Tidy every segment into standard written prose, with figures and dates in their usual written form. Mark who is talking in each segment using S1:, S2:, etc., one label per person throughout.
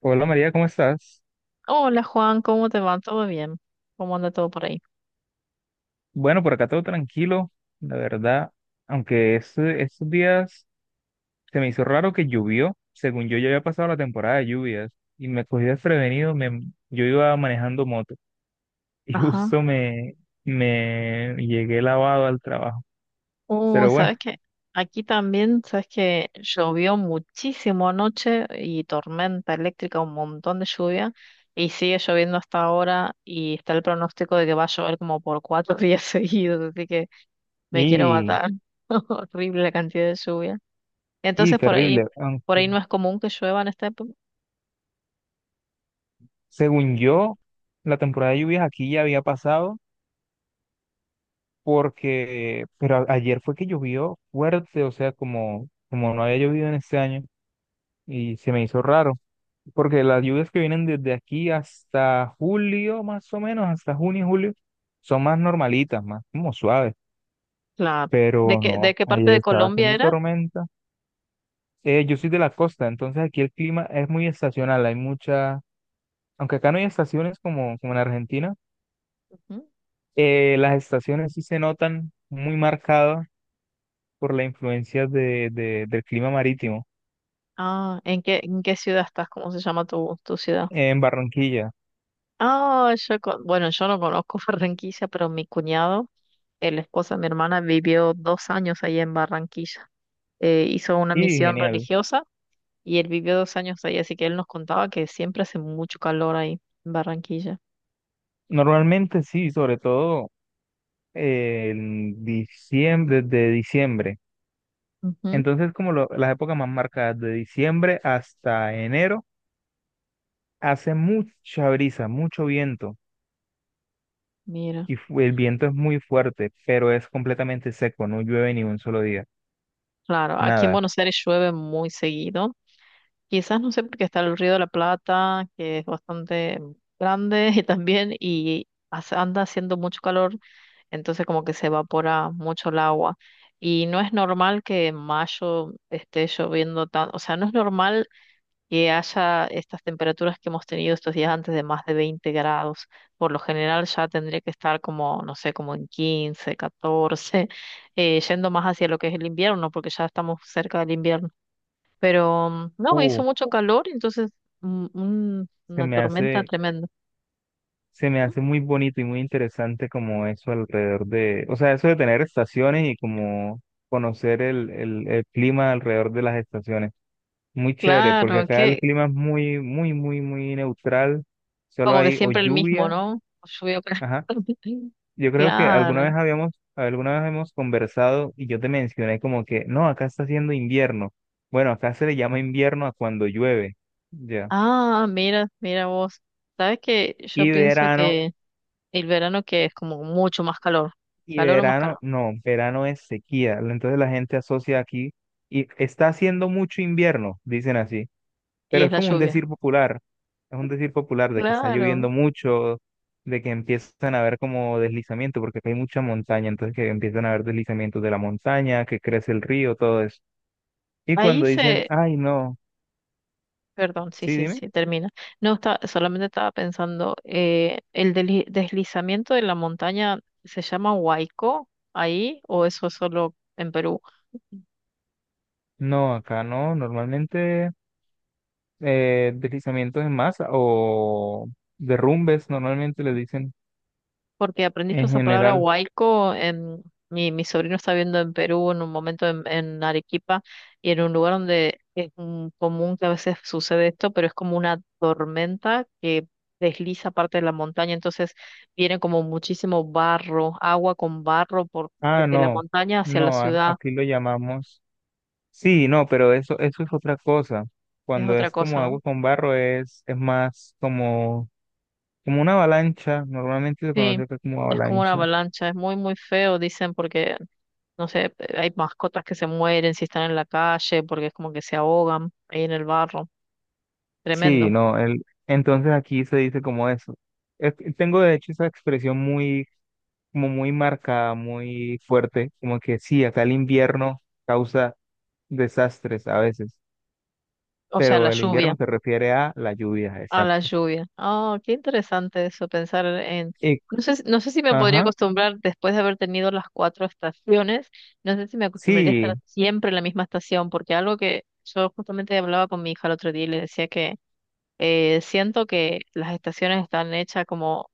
S1: Hola María, ¿cómo estás?
S2: Hola Juan, ¿cómo te va? ¿Todo bien? ¿Cómo anda todo por ahí?
S1: Bueno, por acá todo tranquilo, la verdad, aunque estos días se me hizo raro que llovió, según yo ya había pasado la temporada de lluvias y me cogí desprevenido, yo iba manejando moto y
S2: Ajá.
S1: justo me llegué lavado al trabajo, pero
S2: Uy,
S1: bueno,
S2: ¿sabes qué? Aquí también, ¿sabes qué? Llovió muchísimo anoche y tormenta eléctrica, un montón de lluvia y sigue lloviendo hasta ahora y está el pronóstico de que va a llover como por 4 días seguidos, así que me quiero
S1: y,
S2: matar. Horrible la cantidad de lluvia.
S1: y
S2: Entonces por ahí,
S1: terrible,
S2: por ahí
S1: aunque
S2: no es común que llueva en esta época.
S1: según yo la temporada de lluvias aquí ya había pasado pero ayer fue que llovió fuerte, o sea, como no había llovido en este año. Y se me hizo raro, porque las lluvias que vienen desde aquí hasta julio, más o menos, hasta junio, julio, son más normalitas, más como suaves,
S2: Claro. ¿De
S1: pero
S2: qué, de
S1: no,
S2: qué parte
S1: ayer
S2: de
S1: estaba
S2: Colombia
S1: haciendo
S2: era?
S1: tormenta. Yo soy de la costa, entonces aquí el clima es muy estacional, hay mucha, aunque acá no hay estaciones como en Argentina, las estaciones sí se notan muy marcadas por la influencia del clima marítimo
S2: Ah, ¿en qué ciudad estás? ¿Cómo se llama tu ciudad?
S1: en Barranquilla,
S2: Ah, bueno, yo no conozco Barranquilla, pero mi cuñado, el esposo de mi hermana, vivió 2 años ahí en Barranquilla. Hizo una
S1: y
S2: misión
S1: genial.
S2: religiosa y él vivió 2 años ahí, así que él nos contaba que siempre hace mucho calor ahí en Barranquilla.
S1: Normalmente sí, sobre todo en diciembre, desde diciembre.
S2: Ujú,
S1: Entonces, como las épocas más marcadas, de diciembre hasta enero, hace mucha brisa, mucho viento,
S2: mira,
S1: y el viento es muy fuerte, pero es completamente seco, no llueve ni un solo día,
S2: claro, aquí en
S1: nada.
S2: Buenos Aires llueve muy seguido. Quizás no sé porque está el Río de la Plata, que es bastante grande y también anda haciendo mucho calor, entonces como que se evapora mucho el agua. Y no es normal que en mayo esté lloviendo tan, o sea, no es normal que haya estas temperaturas que hemos tenido estos días antes de más de 20 grados. Por lo general ya tendría que estar como, no sé, como en 15 14, yendo más hacia lo que es el invierno, porque ya estamos cerca del invierno. Pero no, hizo
S1: Uh,
S2: mucho calor, entonces
S1: se
S2: una
S1: me
S2: tormenta
S1: hace,
S2: tremenda.
S1: se me hace muy bonito y muy interesante como eso alrededor de, o sea, eso de tener estaciones y como conocer el clima alrededor de las estaciones. Muy chévere, porque
S2: Claro,
S1: acá el
S2: que
S1: clima es muy, muy, muy, muy neutral. Solo
S2: como que
S1: hay o
S2: siempre el mismo,
S1: lluvia.
S2: ¿no? Llovió.
S1: Ajá. Yo creo que
S2: Claro.
S1: alguna vez hemos conversado y yo te mencioné como que, no, acá está haciendo invierno. Bueno, acá se le llama invierno a cuando llueve. Ya.
S2: Ah, mira, mira vos. ¿Sabes que yo
S1: Y
S2: pienso
S1: verano,
S2: que el verano, que es como mucho más calor,
S1: y
S2: calor o más
S1: verano,
S2: calor,
S1: no, verano es sequía. Entonces la gente asocia aquí y está haciendo mucho invierno, dicen así.
S2: y
S1: Pero
S2: es
S1: es
S2: la
S1: como un
S2: lluvia?
S1: decir popular, es un decir popular de que está
S2: Claro.
S1: lloviendo mucho, de que empiezan a haber como deslizamientos, porque acá hay mucha montaña, entonces que empiezan a haber deslizamientos de la montaña, que crece el río, todo eso. Y
S2: Ahí
S1: cuando dicen,
S2: se,
S1: ay, no,
S2: perdón, sí,
S1: sí,
S2: sí,
S1: dime,
S2: sí, termina. No, está, solamente estaba pensando, ¿el deslizamiento de la montaña se llama huaico ahí o eso es solo en Perú?
S1: no, acá no, normalmente, deslizamientos en masa o derrumbes, normalmente le dicen
S2: Porque aprendí yo
S1: en
S2: esa palabra
S1: general,
S2: huaico, mi sobrino está viendo en Perú en un momento en Arequipa y en un lugar donde es común que a veces sucede esto, pero es como una tormenta que desliza parte de la montaña, entonces viene como muchísimo barro, agua con barro por
S1: ah,
S2: desde la
S1: no,
S2: montaña hacia la
S1: no,
S2: ciudad.
S1: aquí lo llamamos. Sí, no, pero eso es otra cosa.
S2: Es
S1: Cuando
S2: otra
S1: es
S2: cosa,
S1: como
S2: ¿no?
S1: agua con barro es más como, como una avalancha. Normalmente se conoce
S2: Sí,
S1: acá como
S2: es como una
S1: avalancha.
S2: avalancha, es muy, muy feo, dicen, porque, no sé, hay mascotas que se mueren si están en la calle, porque es como que se ahogan ahí en el barro,
S1: Sí,
S2: tremendo.
S1: no, el, entonces aquí se dice como eso. Tengo de hecho esa expresión muy, como muy marcada, muy fuerte, como que sí, acá el invierno causa desastres a veces,
S2: O sea, la
S1: pero el
S2: lluvia,
S1: invierno se refiere a la lluvia,
S2: a la
S1: exacto.
S2: lluvia. Oh, qué interesante eso, pensar en.
S1: Y,
S2: No sé, no sé si me podría
S1: ajá,
S2: acostumbrar, después de haber tenido las cuatro estaciones, no sé si me acostumbraría a estar
S1: sí,
S2: siempre en la misma estación, porque algo que yo justamente hablaba con mi hija el otro día y le decía que. Siento que las estaciones están hechas como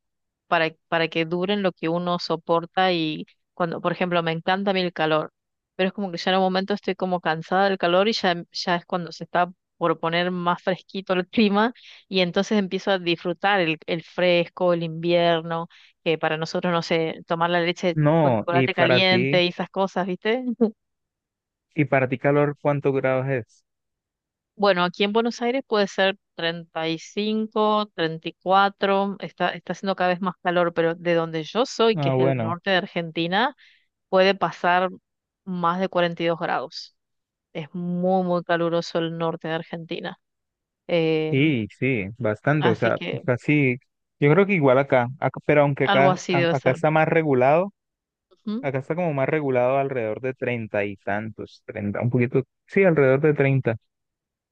S2: para que duren lo que uno soporta y cuando, por ejemplo, me encanta a mí el calor, pero es como que ya en un momento estoy como cansada del calor y ya, ya es cuando se está por poner más fresquito el clima y entonces empiezo a disfrutar el fresco, el invierno, que para nosotros, no sé, tomar la leche con
S1: no, y
S2: chocolate
S1: para
S2: caliente
S1: ti.
S2: y esas cosas, ¿viste?
S1: ¿Y para ti calor cuántos grados es?
S2: Bueno, aquí en Buenos Aires puede ser 30 35, 34. Está haciendo cada vez más calor, pero de donde yo soy, que
S1: Ah,
S2: es el
S1: bueno,
S2: norte de Argentina, puede pasar más de 42 grados. Es muy, muy caluroso el norte de Argentina. Eh,
S1: sí, sí, bastante, o
S2: así
S1: sea,
S2: que
S1: casi, yo creo que igual acá, pero aunque
S2: algo
S1: acá,
S2: así debe
S1: acá
S2: ser.
S1: está más regulado,
S2: Ujú.
S1: acá está como más regulado alrededor de 30 y tantos, 30, un poquito, sí, alrededor de 30.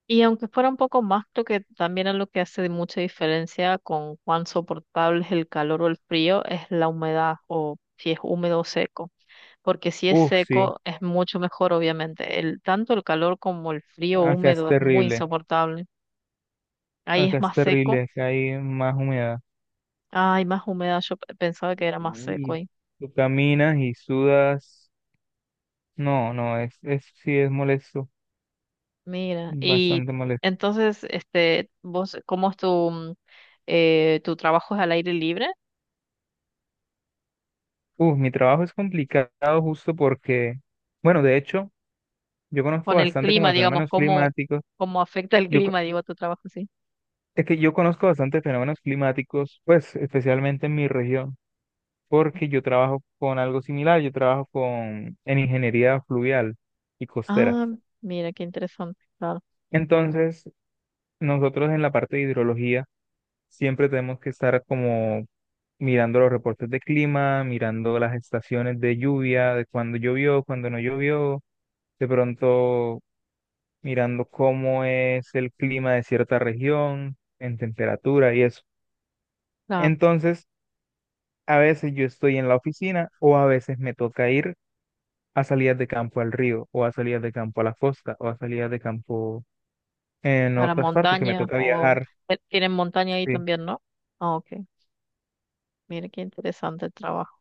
S2: Y aunque fuera un poco más, creo que también es lo que hace mucha diferencia con cuán soportable es el calor o el frío, es la humedad o si es húmedo o seco, porque si es
S1: Uf, sí,
S2: seco es mucho mejor, obviamente. El, tanto el calor como el frío
S1: acá es
S2: húmedo es muy
S1: terrible,
S2: insoportable. Ahí
S1: acá
S2: es
S1: es
S2: más seco.
S1: terrible, acá hay más humedad.
S2: Ay, más húmeda, yo pensaba que era más seco
S1: Y
S2: ahí.
S1: tú caminas y sudas, no, no, es, sí, es molesto,
S2: Mira, y
S1: bastante molesto.
S2: entonces, este, vos, ¿cómo es tu trabajo es al aire libre?
S1: Uf, mi trabajo es complicado justo porque, bueno, de hecho, yo conozco
S2: Con el
S1: bastante como
S2: clima,
S1: de
S2: digamos,
S1: fenómenos
S2: ¿cómo,
S1: climáticos.
S2: cómo afecta el
S1: Yo, co-
S2: clima, digo, tu trabajo sí?
S1: es que yo conozco bastante fenómenos climáticos, pues especialmente en mi región, porque yo trabajo con algo similar, yo trabajo con, en ingeniería fluvial y costera.
S2: Ah, mira, qué interesante, claro.
S1: Entonces, nosotros en la parte de hidrología siempre tenemos que estar como mirando los reportes de clima, mirando las estaciones de lluvia, de cuando llovió, cuando no llovió, de pronto mirando cómo es el clima de cierta región, en temperatura y eso.
S2: Claro,
S1: Entonces, a veces yo estoy en la oficina o a veces me toca ir a salidas de campo al río o a salidas de campo a la costa o a salidas de campo en
S2: para
S1: otras partes que me
S2: montaña,
S1: toca
S2: o
S1: viajar.
S2: tienen montaña ahí
S1: Sí,
S2: también, ¿no? Ah, ok, mira, qué interesante el trabajo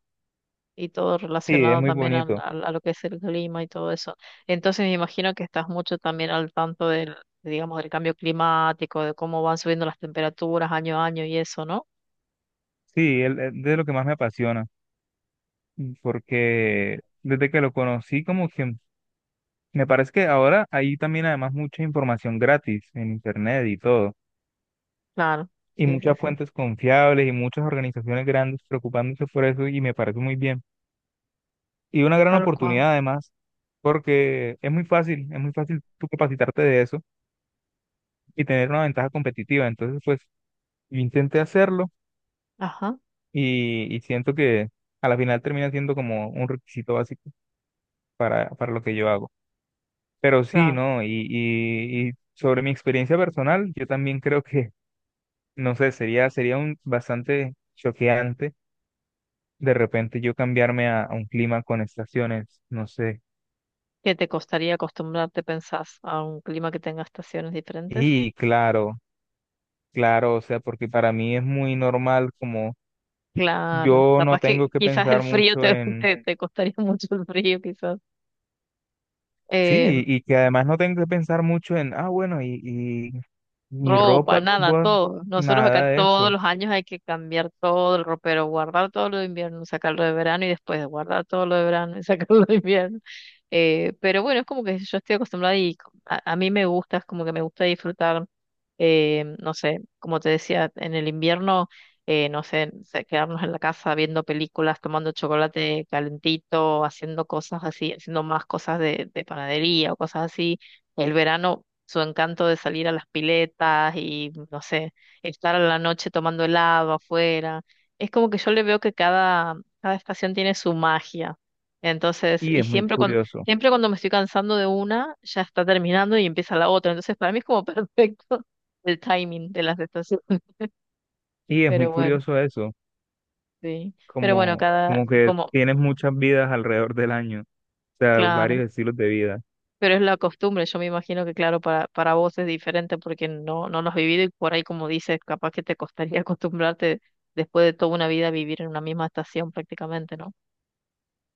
S2: y todo
S1: sí, es
S2: relacionado
S1: muy
S2: también
S1: bonito.
S2: a, lo que es el clima y todo eso. Entonces me imagino que estás mucho también al tanto digamos, del cambio climático, de cómo van subiendo las temperaturas año a año y eso, ¿no?
S1: Sí, de lo que más me apasiona, porque desde que lo conocí como que me parece que ahora hay también además mucha información gratis en internet y todo.
S2: Claro,
S1: Y
S2: sí, sí,
S1: muchas
S2: sí,
S1: fuentes confiables y muchas organizaciones grandes preocupándose por eso y me parece muy bien. Y una gran
S2: tal
S1: oportunidad
S2: cual.
S1: además, porque es muy fácil tú capacitarte de eso y tener una ventaja competitiva. Entonces, pues yo intenté hacerlo
S2: Ajá,
S1: y siento que a la final termina siendo como un requisito básico para lo que yo hago. Pero sí,
S2: claro.
S1: ¿no? Y sobre mi experiencia personal, yo también creo que, no sé, sería un bastante choqueante de repente yo cambiarme a un clima con estaciones, no sé.
S2: ¿Qué te costaría acostumbrarte, pensás, a un clima que tenga estaciones diferentes?
S1: Y claro, claro, o sea, porque para mí es muy normal como
S2: Claro,
S1: yo no
S2: capaz
S1: tengo
S2: que
S1: que
S2: quizás el
S1: pensar
S2: frío
S1: mucho
S2: te,
S1: en,
S2: te costaría mucho el frío, quizás.
S1: sí, y que además no tengo que pensar mucho en, ah, bueno, y mi
S2: Ropa,
S1: ropa,
S2: nada,
S1: bueno,
S2: todo. Nosotros acá
S1: nada de eso.
S2: todos los años hay que cambiar todo el ropero, guardar todo lo de invierno, sacarlo de verano y después guardar todo lo de verano y sacarlo de invierno. Pero bueno, es como que yo estoy acostumbrada y a mí me gusta, es como que me gusta disfrutar, no sé, como te decía, en el invierno, no sé, quedarnos en la casa viendo películas, tomando chocolate calentito, haciendo cosas así, haciendo más cosas de panadería o cosas así. El verano, su encanto de salir a las piletas y, no sé, estar a la noche tomando helado afuera. Es como que yo le veo que cada estación tiene su magia. Entonces,
S1: Y
S2: y
S1: es muy
S2: siempre cuando,
S1: curioso,
S2: siempre cuando me estoy cansando de una, ya está terminando y empieza la otra. Entonces, para mí es como perfecto el timing de las estaciones.
S1: y es muy
S2: Pero bueno,
S1: curioso eso,
S2: sí. Pero bueno,
S1: como,
S2: cada,
S1: como que
S2: como,
S1: tienes muchas vidas alrededor del año, o sea,
S2: claro.
S1: varios estilos de vida.
S2: Pero es la costumbre, yo me imagino que claro, para vos es diferente porque no, no lo has vivido y por ahí como dices, capaz que te costaría acostumbrarte después de toda una vida a vivir en una misma estación prácticamente, ¿no?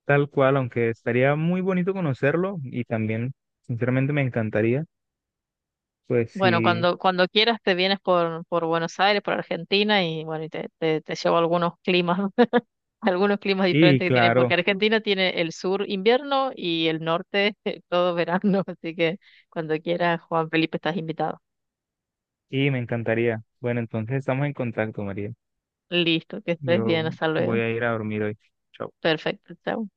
S1: Tal cual, aunque estaría muy bonito conocerlo y también, sinceramente, me encantaría. Pues
S2: Bueno,
S1: sí,
S2: cuando quieras te vienes por Buenos Aires, por Argentina y bueno, y te llevo algunos climas, ¿no? Algunos climas
S1: y
S2: diferentes que tiene,
S1: claro,
S2: porque Argentina tiene el sur invierno y el norte todo verano, así que cuando quieras, Juan Felipe, estás invitado.
S1: y me encantaría. Bueno, entonces estamos en contacto, María.
S2: Listo, que estés
S1: Yo
S2: bien, hasta
S1: voy
S2: luego.
S1: a ir a dormir hoy. Chao.
S2: Perfecto, chao.